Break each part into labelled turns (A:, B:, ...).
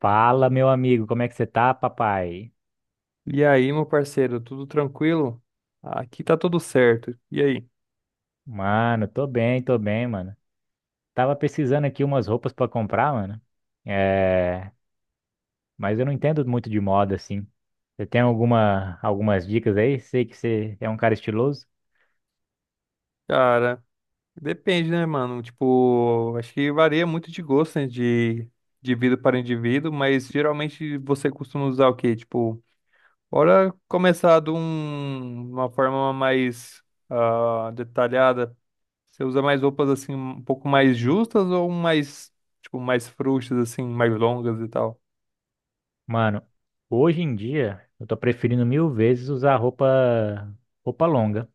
A: Fala, meu amigo, como é que você tá, papai?
B: E aí, meu parceiro, tudo tranquilo? Aqui tá tudo certo. E aí?
A: Mano, tô bem, mano. Tava pesquisando aqui umas roupas pra comprar, mano. É, mas eu não entendo muito de moda assim. Você tem algumas dicas aí? Sei que você é um cara estiloso.
B: Cara, depende, né, mano? Tipo, acho que varia muito de gosto, né, de indivíduo para indivíduo, mas geralmente você costuma usar o quê? Tipo, bora começar de uma forma mais detalhada. Você usa mais roupas, assim, um pouco mais justas ou mais, tipo, mais frouxas, assim, mais longas e tal?
A: Mano, hoje em dia eu tô preferindo mil vezes usar roupa longa.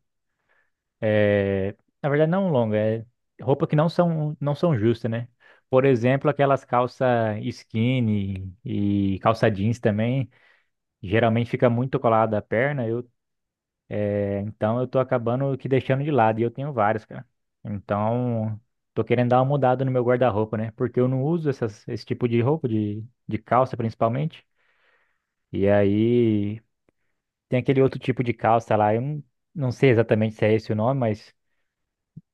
A: É, na verdade não longa, é roupa que não são justas, né? Por exemplo, aquelas calça skinny e calça jeans também. Geralmente fica muito colado à perna, então eu tô acabando que deixando de lado, e eu tenho vários, cara. Então, tô querendo dar uma mudada no meu guarda-roupa, né? Porque eu não uso esse tipo de roupa, de calça principalmente. E aí, tem aquele outro tipo de calça lá, eu não, não sei exatamente se é esse o nome, mas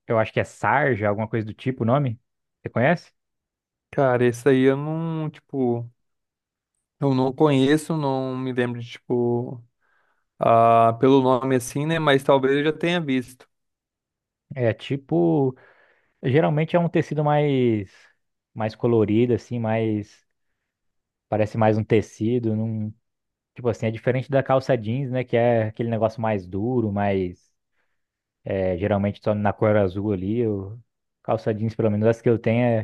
A: eu acho que é sarja, alguma coisa do tipo o nome. Você conhece?
B: Cara, esse aí eu não, tipo, eu não conheço, não me lembro de, tipo, pelo nome assim, né? Mas talvez eu já tenha visto.
A: É tipo, geralmente é um tecido mais, mais colorido, assim, mais, parece mais um tecido, não. Tipo assim, é diferente da calça jeans, né? Que é aquele negócio mais duro, mais, é, geralmente só na cor azul ali. Eu... Calça jeans, pelo menos as que eu tenho, é...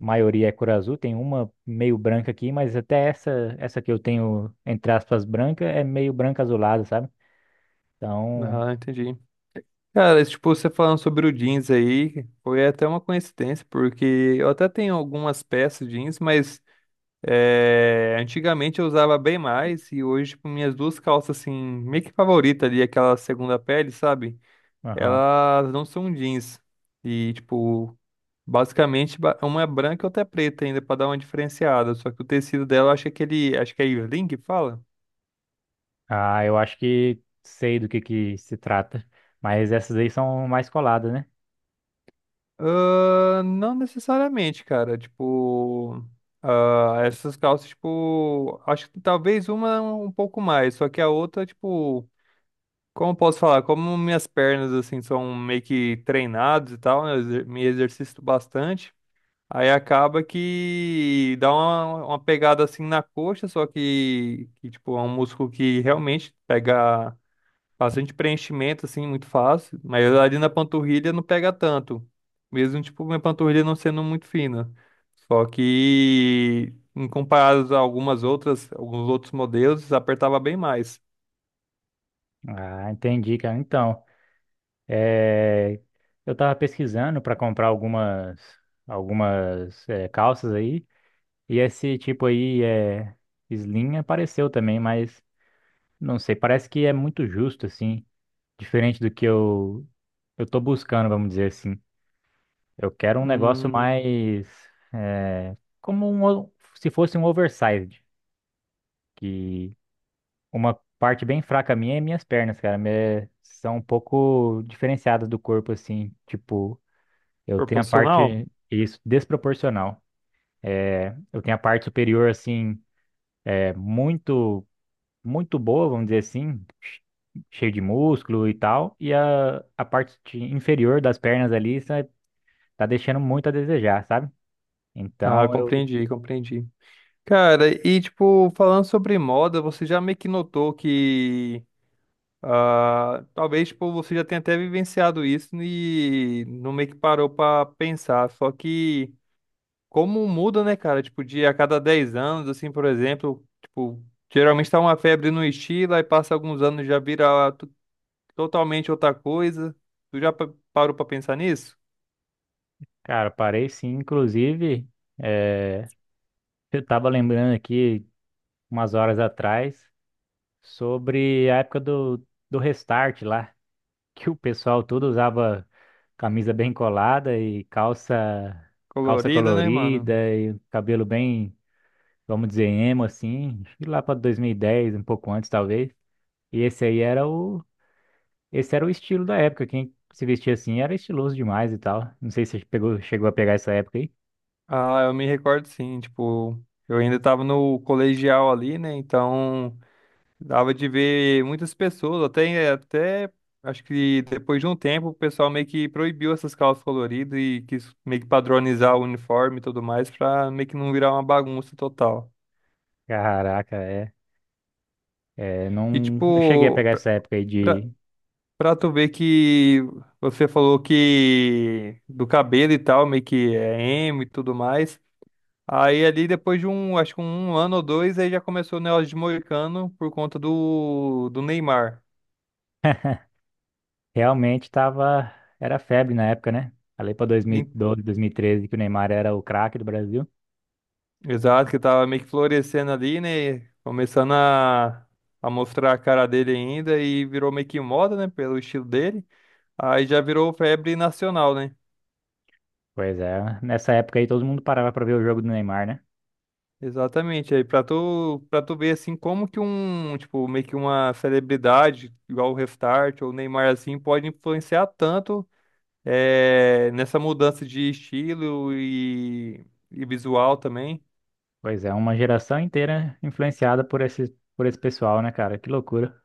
A: a maioria é cor azul. Tem uma meio branca aqui, mas até essa, essa que eu tenho, entre aspas, branca, é meio branca azulada, sabe? Então,
B: Ah, entendi. Cara, esse, tipo, você falando sobre o jeans aí, foi até uma coincidência, porque eu até tenho algumas peças jeans, mas antigamente eu usava bem mais, e hoje, tipo, minhas duas calças, assim, meio que favorita ali, aquela segunda pele, sabe?
A: aham.
B: Elas não são jeans. E, tipo, basicamente, uma é branca e outra é preta ainda, pra dar uma diferenciada. Só que o tecido dela, eu acho que é aquele. Acho que é Irling que fala?
A: Ah, eu acho que sei do que se trata. Mas essas aí são mais coladas, né?
B: Ah, não necessariamente, cara. Tipo, essas calças, tipo, acho que talvez uma um pouco mais, só que a outra, tipo, como eu posso falar? Como minhas pernas, assim, são meio que treinadas e tal, né, eu me exercito bastante. Aí acaba que dá uma pegada assim na coxa, só que, tipo, é um músculo que realmente pega bastante preenchimento, assim, muito fácil. Mas ali na panturrilha não pega tanto. Mesmo, tipo, minha panturrilha não sendo muito fina. Só que, em comparado a algumas outras, alguns outros modelos, apertava bem mais.
A: Ah, entendi, cara. Então. É, eu tava pesquisando para comprar algumas, é, calças aí, e esse tipo aí é slim, apareceu também, mas não sei, parece que é muito justo assim, diferente do que eu tô buscando, vamos dizer assim. Eu quero um negócio
B: Hum,
A: mais, é, como um, o- se fosse um oversized, que uma parte bem fraca minha é minhas pernas, cara, me- são um pouco diferenciadas do corpo assim, tipo. Eu tenho a
B: Proporcional?
A: parte, isso, desproporcional. Eu tenho a parte superior, assim, é muito, muito boa, vamos dizer assim, cheio de músculo e tal. E a parte inferior das pernas ali sa- tá deixando muito a desejar, sabe?
B: Ah,
A: Então, eu,
B: compreendi, compreendi. Cara, e, tipo, falando sobre moda, você já meio que notou que talvez tipo, você já tenha até vivenciado isso e não meio que parou pra pensar. Só que como muda, né, cara? Tipo, de a cada 10 anos, assim, por exemplo, tipo, geralmente tá uma febre no estilo, aí passa alguns anos já vira totalmente outra coisa. Tu já parou pra pensar nisso?
A: cara, parei sim. Inclusive, é, eu tava lembrando aqui, umas horas atrás, sobre a época do Restart lá, que o pessoal todo usava camisa bem colada e calça
B: Colorida, né, mano?
A: colorida e cabelo bem, vamos dizer, emo assim, acho que lá para 2010, um pouco antes talvez. E esse aí era o, esse era o estilo da época, quem se vestia assim era estiloso demais e tal. Não sei se você pegou, chegou a pegar essa época aí.
B: Ah, eu me recordo sim, tipo, eu ainda tava no colegial ali, né? Então. Dava de ver muitas pessoas, até acho que depois de um tempo o pessoal meio que proibiu essas calças coloridas e quis meio que padronizar o uniforme e tudo mais pra meio que não virar uma bagunça total.
A: Caraca, é, é,
B: E
A: não cheguei a
B: tipo,
A: pegar essa época aí
B: pra,
A: de
B: pra tu ver que você falou que do cabelo e tal, meio que é emo e tudo mais. Aí ali depois de um, acho que um ano ou dois, aí já começou o negócio de moicano por conta do Neymar.
A: realmente. Tava era febre na época, né? Ali para 2012, 2013, que o Neymar era o craque do Brasil.
B: Exato, que tava meio que florescendo ali, né? Começando a mostrar a cara dele ainda e virou meio que moda, né? Pelo estilo dele. Aí já virou febre nacional, né?
A: Pois é, nessa época aí todo mundo parava pra ver o jogo do Neymar, né?
B: Exatamente. Aí pra tu ver assim como que um, tipo, meio que uma celebridade, igual o Restart ou o Neymar assim, pode influenciar tanto nessa mudança de estilo e visual também.
A: Pois é, uma geração inteira influenciada por esse pessoal, né, cara? Que loucura.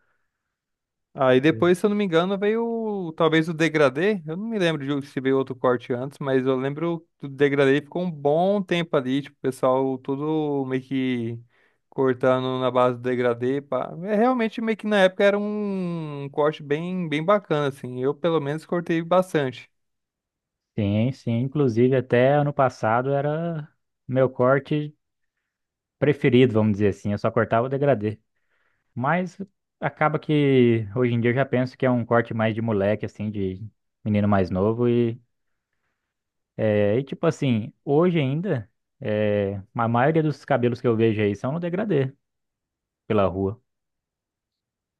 B: Aí
A: Sim.
B: depois, se eu não me engano, veio talvez o degradê. Eu não me lembro de se veio outro corte antes, mas eu lembro do degradê e ficou um bom tempo ali, tipo, o pessoal tudo meio que cortando na base do degradê, pá. É realmente meio que na época era um corte bem bem bacana assim. Eu pelo menos cortei bastante.
A: Sim, sim. Inclusive, até ano passado era meu corte preferido, vamos dizer assim. Eu só cortava o degradê. Mas acaba que hoje em dia eu já penso que é um corte mais de moleque, assim, de menino mais novo. E, é, e tipo assim, hoje ainda, é, a maioria dos cabelos que eu vejo aí são no degradê pela rua.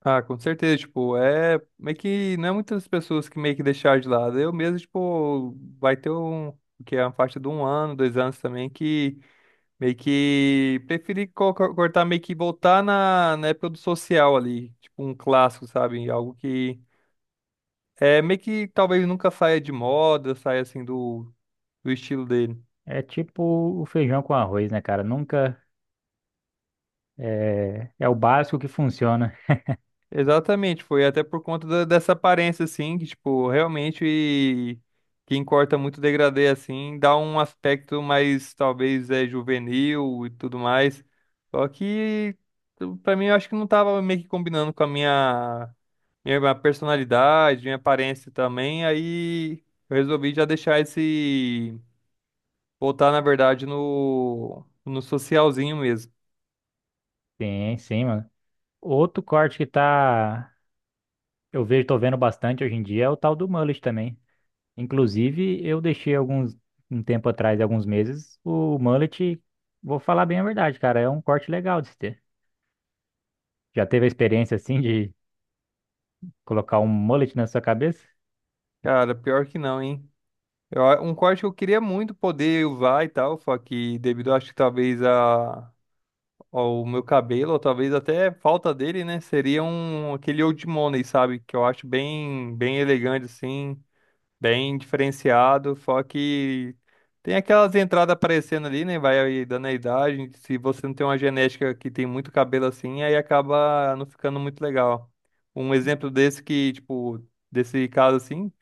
B: Ah, com certeza, tipo, é meio que não é muitas pessoas que meio que deixaram de lado. Eu mesmo, tipo, vai ter um que é uma faixa de um ano, 2 anos também que meio que preferi cortar, meio que voltar na época do social ali, tipo um clássico, sabe? Algo que é meio que talvez nunca saia de moda, saia assim do estilo dele.
A: É tipo o feijão com arroz, né, cara? Nunca é, é o básico que funciona.
B: Exatamente, foi até por conta dessa aparência, assim, que, tipo, realmente quem corta muito degradê, assim, dá um aspecto mais, talvez, é juvenil e tudo mais. Só que, pra mim, eu acho que não tava meio que combinando com a minha personalidade, minha aparência também, aí eu resolvi já deixar esse, voltar, na verdade, no socialzinho mesmo.
A: Sim, sim, mano. Outro corte que tá eu vejo, tô vendo bastante hoje em dia é o tal do mullet também. Inclusive, eu deixei alguns. Um tempo atrás, alguns meses, o mullet, vou falar bem a verdade, cara, é um corte legal de se ter. Já teve a experiência assim de colocar um mullet na sua cabeça?
B: Cara, pior que não, hein? Eu um corte que eu queria muito poder usar e tal, só que devido, acho que talvez ao meu cabelo, ou talvez até falta dele, né? Seria um, aquele Old Money, sabe? Que eu acho bem, bem elegante, assim, bem diferenciado, só que tem aquelas entradas aparecendo ali, né? Vai aí dando a idade, se você não tem uma genética que tem muito cabelo assim, aí acaba não ficando muito legal. Um exemplo desse que, tipo, desse caso assim,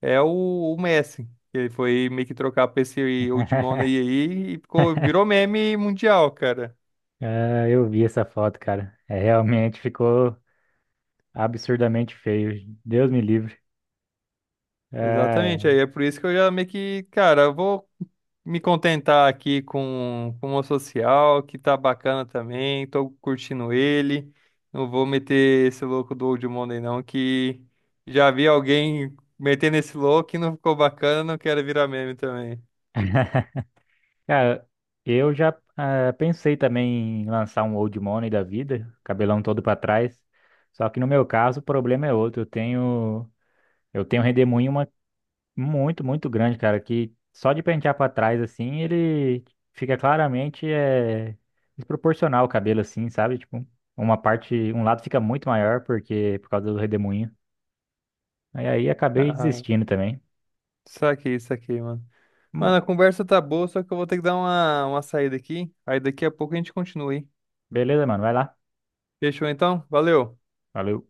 B: é o Messi. Ele foi meio que trocar pra esse Old Money aí e ficou, virou meme mundial, cara.
A: Ah, eu vi essa foto, cara. É, realmente ficou absurdamente feio. Deus me livre. Ah,
B: Exatamente, aí é por isso que eu já meio que, cara, eu vou me contentar aqui com o meu social, que tá bacana também, tô curtindo ele. Não vou meter esse louco do Old Money não, que já vi alguém metendo esse louco e não ficou bacana, não quero virar meme também.
A: cara, eu já, ah, pensei também em lançar um old money da vida, cabelão todo pra trás. Só que no meu caso, o problema é outro. Eu tenho um redemoinho uma- muito, muito grande, cara, que só de pentear pra trás assim, ele fica claramente, é, desproporcional o cabelo assim, sabe? Tipo, uma parte, um lado fica muito maior porque por causa do redemoinho. Aí acabei
B: Ah,
A: desistindo também.
B: isso aqui, mano. Mano,
A: Hum.
B: a conversa tá boa, só que eu vou ter que dar uma saída aqui. Aí daqui a pouco a gente continua, hein?
A: Beleza, mano, vai lá.
B: Fechou então? Valeu!
A: Valeu.